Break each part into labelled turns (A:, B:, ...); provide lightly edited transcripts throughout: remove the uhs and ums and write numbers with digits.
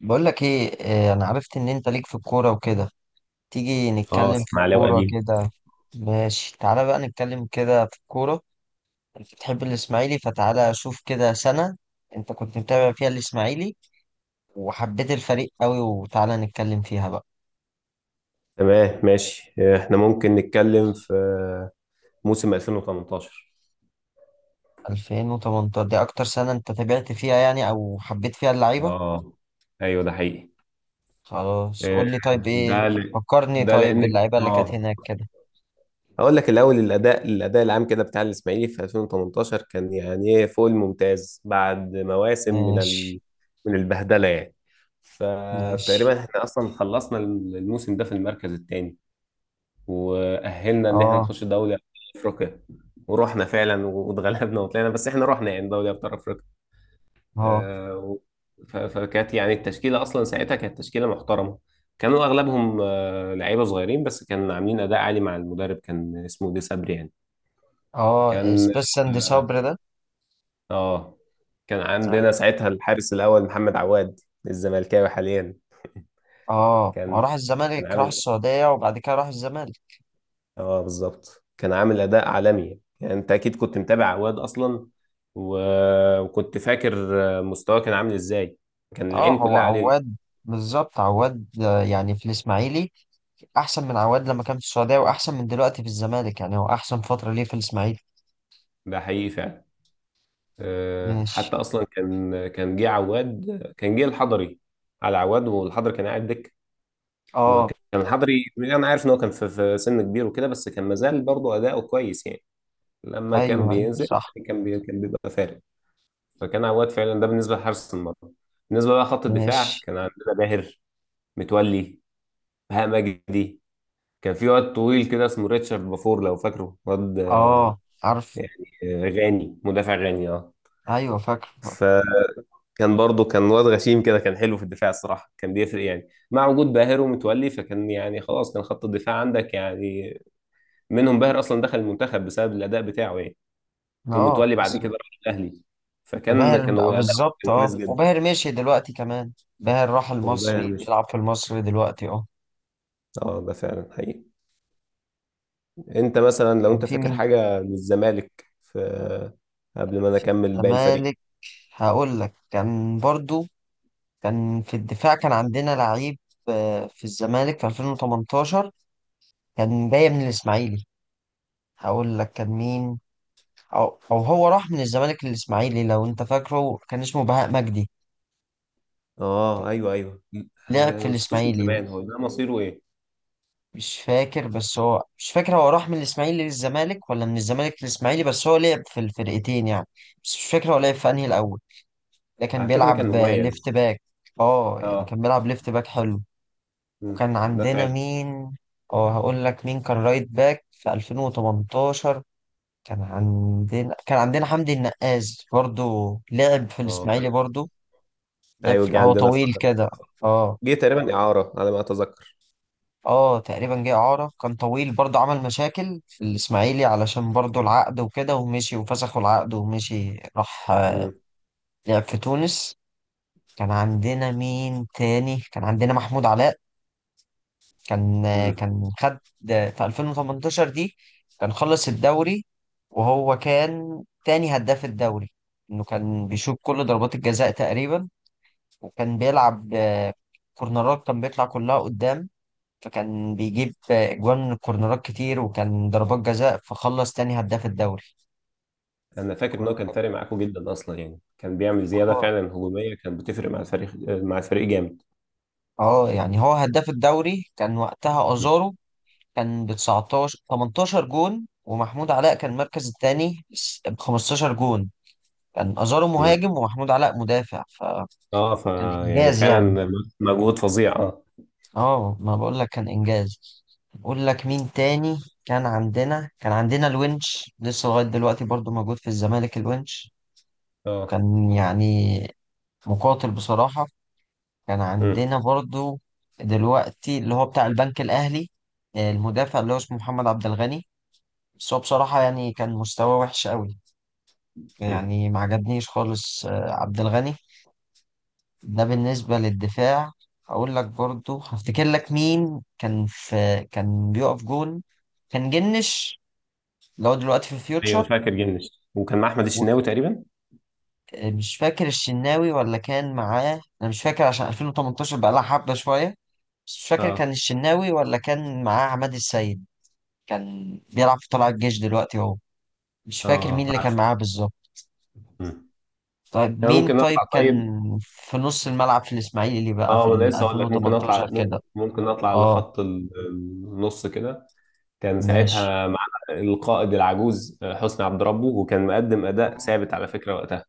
A: بقول لك ايه؟ انا عرفت ان انت ليك في الكوره وكده. تيجي
B: اه،
A: نتكلم في
B: اسماعيلاوي
A: الكوره
B: قديم.
A: كده. ماشي، تعالى بقى نتكلم كده في الكوره. انت بتحب الاسماعيلي فتعالى شوف كده سنه انت كنت متابع فيها الاسماعيلي وحبيت الفريق قوي وتعالى نتكلم فيها بقى.
B: تمام، ماشي. احنا ممكن نتكلم في موسم 2018.
A: 2018 دي اكتر سنه انت تابعت فيها يعني او حبيت فيها اللعيبه؟
B: اه ايوه، ده حقيقي.
A: خلاص،
B: آه،
A: قول لي طيب ايه.
B: ده ل...
A: فكرني
B: ده
A: طيب
B: لانك
A: باللعيبه اللي كانت هناك كده.
B: هقول لك الاول. الاداء العام كده بتاع الاسماعيلي في 2018 كان يعني ايه فوق الممتاز، بعد مواسم من
A: ماشي.
B: من البهدله يعني.
A: ماشي.
B: فتقريبا احنا اصلا خلصنا الموسم ده في المركز الثاني، واهلنا ان احنا
A: اه.
B: نخش دوري ابطال افريقيا، ورحنا فعلا واتغلبنا وطلعنا، بس احنا رحنا يعني دوري ابطال افريقيا.
A: اه.
B: آه، و- فكانت يعني التشكيله اصلا ساعتها كانت تشكيله محترمه. كانوا اغلبهم لعيبه صغيرين، بس كانوا عاملين اداء عالي مع المدرب، كان اسمه دي صبري يعني.
A: اه
B: كان
A: اسبيس ساند صبري ده.
B: اه كان عندنا
A: ايوه.
B: ساعتها الحارس الاول محمد عواد الزملكاوي حاليا.
A: اه، هو
B: كان
A: راح
B: كان
A: الزمالك راح
B: عامل
A: السعودية وبعد كده راح الزمالك.
B: اه بالظبط، كان عامل اداء عالمي. يعني انت اكيد كنت متابع عواد اصلا، و... وكنت فاكر مستواه كان عامل ازاي، كان
A: اه
B: العين
A: هو
B: كلها عليه.
A: عواد. بالظبط عواد، يعني في الاسماعيلي احسن من عواد لما كان في السعودية واحسن من دلوقتي في الزمالك، يعني هو احسن فترة ليه في الاسماعيلي.
B: ده حقيقي فعلا. حتى
A: ماشي.
B: اصلا كان جه عواد، كان جه الحضري على عواد، والحضري كان قاعد دك.
A: اه.
B: كان الحضري انا عارف ان هو كان في سن كبير وكده، بس كان مازال برضه اداؤه كويس يعني. لما كان
A: ايوه ايوه
B: بينزل
A: صح.
B: يعني كان بيبقى فارق. فكان عواد فعلا، ده بالنسبه لحارس المرمى. بالنسبه بقى خط الدفاع،
A: ماشي.
B: كان عندنا باهر، متولي، بهاء مجدي. كان في واد طويل كده اسمه ريتشارد بافور، لو فاكره، واد
A: اه عارف.
B: يعني غاني، مدافع غاني اه.
A: ايوه فاكر.
B: فكان برضه كان واد غشيم كده، كان حلو في الدفاع الصراحة، كان بيفرق يعني مع وجود باهر ومتولي. فكان يعني خلاص، كان خط الدفاع عندك يعني منهم. باهر اصلا دخل المنتخب بسبب الاداء بتاعه يعني،
A: اه
B: ومتولي بعد
A: بس.
B: كده راح الاهلي. فكان
A: باهر بقى
B: كانوا اداء
A: بالظبط
B: كان
A: اه،
B: كويس جدا.
A: وباهر مشي دلوقتي كمان. باهر راح
B: وباهر
A: المصري،
B: مش،
A: بيلعب في المصري دلوقتي اه.
B: اه ده فعلا حقيقي. انت مثلا لو
A: كان
B: انت
A: في
B: فاكر
A: مين
B: حاجة من الزمالك في، قبل ما انا
A: في
B: اكمل باقي الفريق؟
A: الزمالك؟ هقول لك. كان برضو كان في الدفاع، كان عندنا لعيب في الزمالك في 2018، كان جاي من الإسماعيلي. هقول لك كان مين. أو, أو هو راح من الزمالك للإسماعيلي لو أنت فاكره، كان اسمه بهاء مجدي.
B: اه ايوه ايوه.
A: لعب في
B: انا ما شفتوش من
A: الإسماعيلي.
B: زمان، هو ده مصيره ايه؟
A: مش فاكر، بس هو مش فاكر هو راح من الإسماعيلي للزمالك ولا من الزمالك للإسماعيلي، بس هو لعب في الفرقتين يعني. بس مش فاكر هو لعب في أنهي الأول. ده كان
B: على فكرة كان
A: بيلعب ليفت
B: مميز
A: باك. اه يعني
B: اه.
A: كان بيلعب ليفت باك حلو.
B: مم،
A: وكان
B: ده
A: عندنا
B: فعلا.
A: مين؟ اه هقول لك مين كان رايت باك في 2018. كان عندنا كان عندنا حمدي النقاز، برضو لعب في
B: اه
A: الاسماعيلي.
B: فاكر.
A: برضو لعب
B: ايوه
A: في،
B: جه
A: هو
B: عندنا
A: طويل
B: فترة،
A: كده اه.
B: جه تقريبا إعارة على ما أتذكر.
A: اه تقريبا جه اعاره، كان طويل برضو، عمل مشاكل في الاسماعيلي علشان برضو العقد وكده ومشي وفسخوا العقد ومشي، راح
B: مم.
A: لعب في تونس. كان عندنا مين تاني؟ كان عندنا محمود علاء. كان
B: مم.
A: كان خد في 2018 دي كان خلص الدوري وهو كان تاني هداف الدوري، انه كان بيشوط كل ضربات الجزاء تقريبا. وكان بيلعب كورنرات، كان بيطلع كلها قدام فكان بيجيب اجوان من الكورنرات كتير، وكان ضربات جزاء، فخلص تاني هداف الدوري.
B: أنا فاكر إن هو
A: كنت-
B: كان فارق معاكم جدا أصلا، يعني كان بيعمل زيادة
A: اه.
B: فعلا هجومية، كان بتفرق مع الفريق، مع الفريق جامد.
A: اه يعني هو هداف الدوري كان وقتها
B: مم.
A: ازارو، كان ب 19 18 جون ومحمود علاء كان المركز الثاني ب 15 جون. كان أزارو
B: مم.
A: مهاجم ومحمود علاء مدافع فكان
B: اه فا يعني
A: إنجاز
B: فعلا
A: يعني.
B: مجهود فظيع اه.
A: اه ما بقول لك كان إنجاز. أقول لك مين تاني. كان عندنا كان عندنا الونش، لسه لغاية دلوقتي برضو موجود في الزمالك الونش.
B: اه.
A: كان يعني مقاتل بصراحة. كان
B: مم.
A: عندنا برضو دلوقتي اللي هو بتاع البنك الأهلي، المدافع اللي هو اسمه محمد عبد الغني. بس هو بصراحة يعني كان مستواه وحش قوي،
B: مم.
A: يعني ما عجبنيش خالص عبد الغني. ده بالنسبة للدفاع. أقول لك برضو هفتكر لك مين كان في، كان بيقف جون كان جنش اللي هو دلوقتي في
B: ايوه
A: فيوتشر.
B: فاكر جنش، وكان مع احمد الشناوي تقريبا.
A: ومش فاكر الشناوي ولا كان معاه، أنا مش فاكر عشان 2018 بقى لها حبة شوية. بس مش فاكر كان
B: اه.
A: الشناوي ولا كان معاه عماد السيد. كان بيلعب في طلائع الجيش دلوقتي هو. مش فاكر مين
B: اه
A: اللي كان
B: عارف.
A: معاه بالظبط.
B: مم.
A: طيب
B: انا
A: مين
B: ممكن
A: طيب
B: اطلع
A: كان
B: طيب.
A: في نص الملعب في الإسماعيلي بقى في
B: اه
A: ال
B: انا لسه اقول لك، ممكن اطلع
A: 2018 كده؟
B: ممكن اطلع
A: اه.
B: لخط النص كده. كان
A: ماشي.
B: ساعتها مع القائد العجوز حسني عبد ربه، وكان مقدم اداء ثابت على فكره وقتها.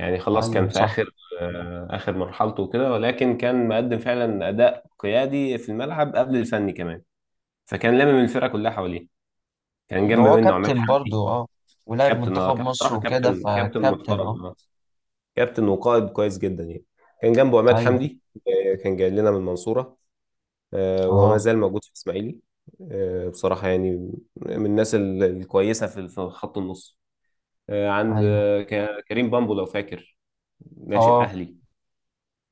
B: يعني خلاص،
A: ايوه
B: كان في
A: صح.
B: اخر، اخر مرحلته وكده، ولكن كان مقدم فعلا اداء قيادي في الملعب قبل الفني كمان. فكان لامم الفرقه كلها حواليه. كان
A: مم،
B: جنب
A: هو
B: منه عماد
A: كابتن
B: حمدي.
A: برضو اه. ولعب
B: كابتن، اه
A: منتخب
B: كابتن
A: مصر
B: صراحه،
A: وكده
B: كابتن
A: فكابتن اه.
B: محترم. كابتن وقائد كويس جدا يعني. كان جنبه عماد
A: ايوه.
B: حمدي. كان جاي لنا من المنصورة، وما
A: اه.
B: زال موجود في إسماعيلي. بصراحة يعني من الناس الكويسة في خط النص.
A: ايوه
B: كريم بامبو لو فاكر، ناشئ
A: اه.
B: أهلي.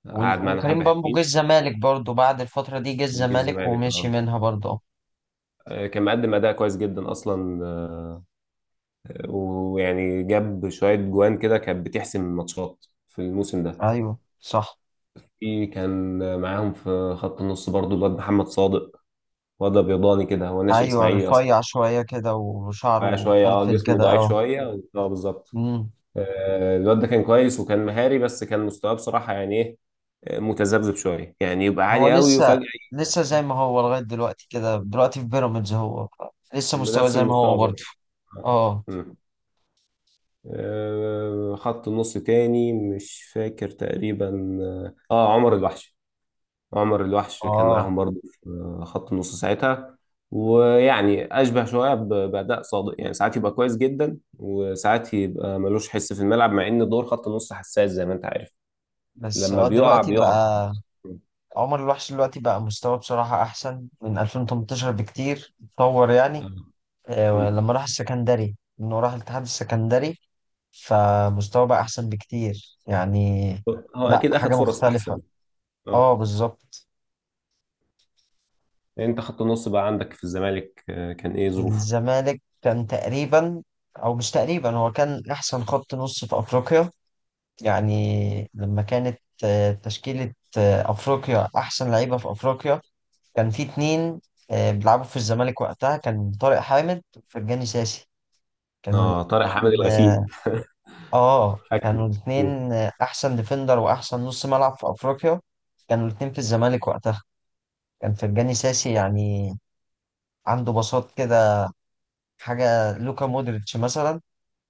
B: قعد معانا
A: وكريم
B: حبة
A: بامبو
B: حلوين،
A: جه الزمالك برضو، بعد الفترة دي جه
B: وجه
A: الزمالك
B: الزمالك
A: ومشي
B: اه.
A: منها برضو اه.
B: كان مقدم أداء كويس جدا أصلا، ويعني جاب شوية جوان كده كانت بتحسم الماتشات في الموسم ده.
A: ايوه صح.
B: في كان معاهم في خط النص برضو الواد محمد صادق، وضع بيضاني كده، هو ناشئ
A: ايوه
B: اسماعيلي اصلا.
A: رفيع شوية كده
B: رفيع
A: وشعره
B: شويه اه،
A: مفلفل
B: جسمه
A: كده
B: ضعيف
A: اه.
B: شويه، بالظبط.
A: امم.
B: الواد ده كان كويس وكان مهاري، بس كان مستواه بصراحه يعني ايه، متذبذب شويه يعني، يبقى
A: هو
B: عالي قوي
A: لسه
B: وفجاه.
A: لسه زي ما هو لغاية دلوقتي كده، دلوقتي في بيراميدز هو لسه مستواه
B: بنفس
A: زي ما هو
B: المستوى
A: برضو.
B: برضه آه.
A: اه.
B: مم. خط النص تاني مش فاكر تقريبا. عمر الوحش، عمر الوحش كان
A: اه
B: معاهم برضه في خط النص ساعتها، ويعني اشبه شويه باداء صادق يعني. ساعات يبقى كويس جدا وساعات يبقى ملوش حس في الملعب، مع ان دور خط النص حساس زي ما انت عارف.
A: بس
B: لما
A: اه
B: بيقع
A: دلوقتي
B: بيقع.
A: بقى عمر الوحش دلوقتي بقى مستواه بصراحة أحسن من 2018 بكتير، اتطور يعني.
B: مم.
A: لما راح السكندري، إنه راح الاتحاد السكندري، فمستواه بقى أحسن بكتير يعني.
B: هو
A: لأ،
B: اكيد اخد
A: حاجة
B: فرص
A: مختلفة.
B: احسن. اه.
A: اه بالظبط.
B: انت خط النص بقى عندك في الزمالك كان ايه
A: في
B: ظروفه؟
A: الزمالك كان تقريبا، أو مش تقريبا، هو كان أحسن خط نص في أفريقيا يعني. لما كانت تشكيلة أفريقيا أحسن لعيبة في أفريقيا، كان في اتنين بيلعبوا في الزمالك وقتها، كان طارق حامد وفرجاني ساسي. كانوا
B: اه طارق حامد
A: الاتنين
B: الغسيم.
A: اه.
B: فاكره.
A: كانوا
B: مم.
A: الاتنين احسن ديفندر واحسن نص ملعب في افريقيا. كانوا الاتنين في الزمالك وقتها. كان فرجاني ساسي يعني عنده بساط كده، حاجة لوكا مودريتش مثلا.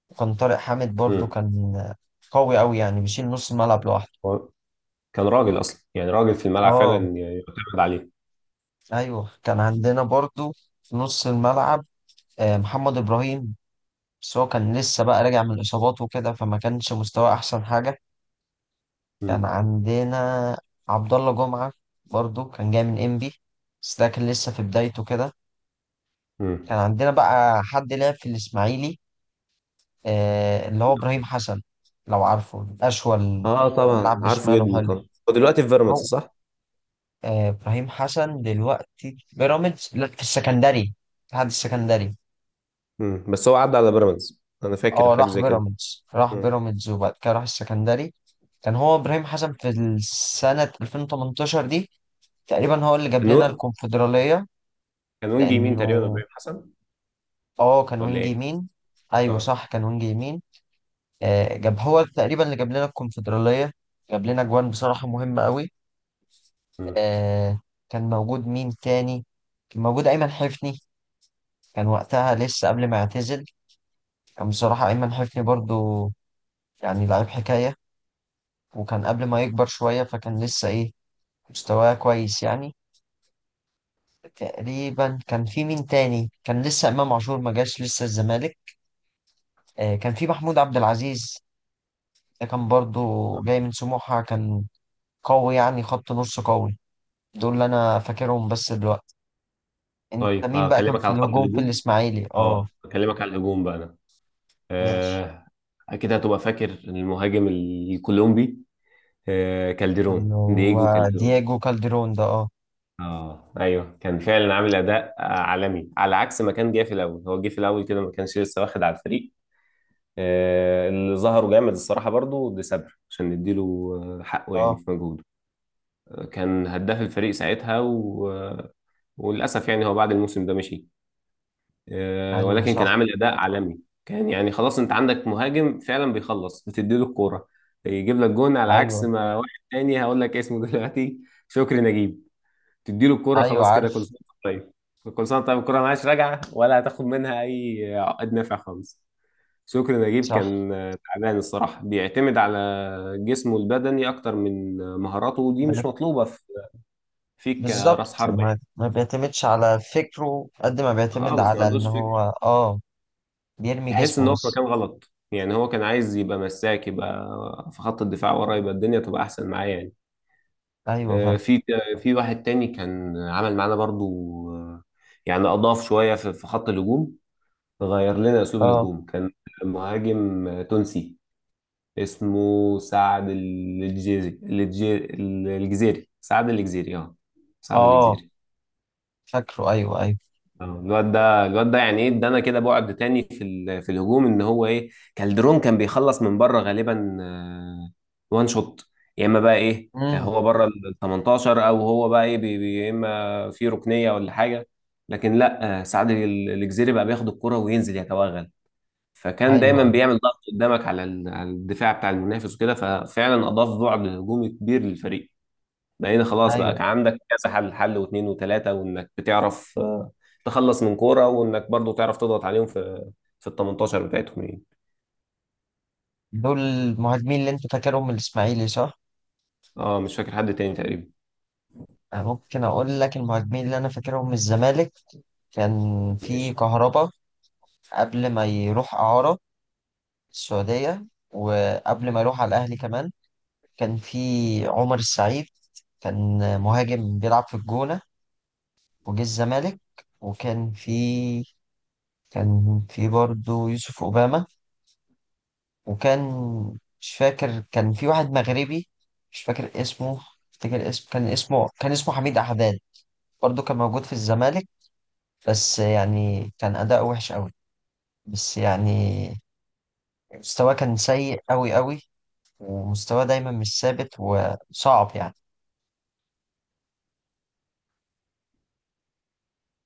A: وكان طارق حامد برضو
B: مم.
A: كان قوي قوي، يعني بيشيل نص الملعب لوحده.
B: هو كان راجل اصلا يعني، راجل في الملعب فعلا
A: اه
B: يعتمد عليه.
A: ايوه كان عندنا برضو في نص الملعب محمد ابراهيم، بس هو كان لسه بقى راجع من الإصابات وكده فما كانش مستواه أحسن حاجة. كان
B: مم.
A: عندنا عبد الله جمعة، برضو كان جاي من إنبي، بس ده كان لسه في بدايته كده.
B: مم.
A: كان عندنا بقى حد لعب في الإسماعيلي، آه اللي هو إبراهيم حسن، لو عارفه أشول،
B: اه طبعا
A: بيلعب
B: عارفه
A: بشماله
B: جدا
A: حلو
B: طبعا، هو دلوقتي في بيراميدز
A: هو.
B: صح؟
A: آه إبراهيم حسن دلوقتي في بيراميدز، لا في السكندري، في الاتحاد السكندري.
B: مم. بس هو عدى على بيراميدز، انا فاكر
A: اه
B: حاجه
A: راح
B: زي كده.
A: بيراميدز، راح
B: مم.
A: بيراميدز وبعد كده راح السكندري. كان هو ابراهيم حسن في السنة 2018 دي تقريبا هو اللي جاب لنا
B: كانون،
A: الكونفدرالية،
B: كان وينج يمين تقريبا
A: لأنه
B: ابراهيم حسن،
A: اه كان
B: ولا
A: وينج
B: ايه؟
A: يمين. أيوه
B: اه.
A: صح كان وينج يمين.
B: مم.
A: آه، جاب هو تقريبا اللي جاب لنا الكونفدرالية، جاب لنا جوان بصراحة مهمة قوي.
B: مم.
A: آه، كان موجود مين تاني؟ كان موجود أيمن حفني. كان وقتها لسه قبل ما يعتزل، كان بصراحة أيمن حفني برضو يعني لعيب حكاية، وكان قبل ما يكبر شوية، فكان لسه مستواه كويس يعني. تقريبا كان في مين تاني؟ كان لسه امام عاشور ما جاش لسه الزمالك. كان في محمود عبد العزيز، ده كان برضو
B: آه.
A: جاي من سموحة، كان قوي يعني، خط نص قوي. دول اللي انا فاكرهم بس دلوقتي. انت
B: طيب
A: مين بقى كان
B: اكلمك
A: في
B: على خط
A: الهجوم في
B: الهجوم.
A: الاسماعيلي اه؟
B: اه اكلمك على الهجوم بقى انا
A: ماشي.
B: آه اكيد هتبقى فاكر المهاجم الكولومبي آه
A: اللي
B: كالديرون دييجو
A: هو
B: كالديرون
A: دياجو كالدرون ده اه.
B: اه ايوه كان فعلا عامل اداء آه، عالمي على عكس ما كان جاي في الاول. هو جه في الاول كده ما كانش لسه واخد على الفريق. اللي ظهره جامد الصراحة برضو دي سبر، عشان نديله حقه يعني
A: اه
B: في مجهوده. كان هداف الفريق ساعتها، و... آه، وللأسف يعني هو بعد الموسم ده مشي،
A: ايوه
B: ولكن كان
A: صح.
B: عامل أداء عالمي. كان يعني خلاص، أنت عندك مهاجم فعلا بيخلص، بتديله الكورة يجيب لك جون. على عكس
A: ايوه.
B: ما واحد تاني هقول لك اسمه دلوقتي، شكري نجيب. تديله الكورة
A: ايوه
B: خلاص كده، كل
A: عارف.
B: سنة وأنت طيب، كل سنة وأنت طيب، الكورة معاش راجعة، ولا هتاخد منها أي عقد نافع خالص. شكري نجيب
A: صح.
B: كان تعبان الصراحة، بيعتمد على جسمه البدني اكتر من مهاراته، ودي
A: من-
B: مش مطلوبه فيك
A: بالظبط،
B: كراس حربة
A: ما
B: يعني.
A: ما بيعتمدش على فكره قد ما بيعتمد
B: خالص ما
A: على ان
B: عندوش
A: هو
B: فكر،
A: اه بيرمي
B: تحس ان
A: جسمه
B: هو في
A: بس.
B: مكان غلط يعني. هو كان عايز يبقى مساك، يبقى في خط الدفاع ورا، يبقى الدنيا تبقى احسن معاه يعني.
A: ايوه فاهم.
B: آه، في في واحد تاني كان عمل معانا برضو، آه، يعني اضاف شويه في خط الهجوم، غير لنا اسلوب
A: اه.
B: الهجوم. كان مهاجم تونسي اسمه سعد الجزيري، الجزيري، الجزيري، سعد الجزيري اه، سعد
A: اه
B: الجزيري.
A: فاكره ايوه ايوه.
B: الواد ده يعني ايه، ادانا كده بعد تاني في الهجوم، ان هو ايه، كالدرون كان بيخلص من بره غالبا وان شوت، يا اما بقى ايه
A: امم.
B: هو بره ال 18، او هو بقى ايه يا اما في ركنيه ولا حاجه. لكن لا الجزيري بقى بياخد الكره وينزل يتوغل، فكان دايما
A: ايوه ايوه.
B: بيعمل ضغط قدامك على على الدفاع بتاع المنافس وكده، ففعلا اضاف بعد هجومي كبير للفريق. بقينا خلاص بقى،
A: أيوة.
B: كان عندك كذا حل، حل واثنين وثلاثة، وانك بتعرف تخلص من كورة، وانك برضو تعرف تضغط عليهم في في ال 18 بتاعتهم يعني.
A: دول المهاجمين اللي انت فاكرهم من الاسماعيلي صح؟
B: اه مش فاكر حد تاني تقريبا.
A: أنا ممكن اقول لك المهاجمين اللي انا فاكرهم من الزمالك. كان في
B: ماشي.
A: كهربا قبل ما يروح اعاره السعوديه، وقبل ما يروح على الاهلي كمان. كان في عمر السعيد، كان مهاجم بيلعب في الجونه وجه الزمالك. وكان في، كان في برضه يوسف اوباما. وكان، مش فاكر، كان في واحد مغربي مش فاكر اسمه، افتكر اسمه كان اسمه حميد أحداد، برضه كان موجود في الزمالك، بس يعني كان أداؤه وحش قوي. بس يعني مستواه كان سيء قوي قوي، ومستواه دايما مش ثابت وصعب يعني.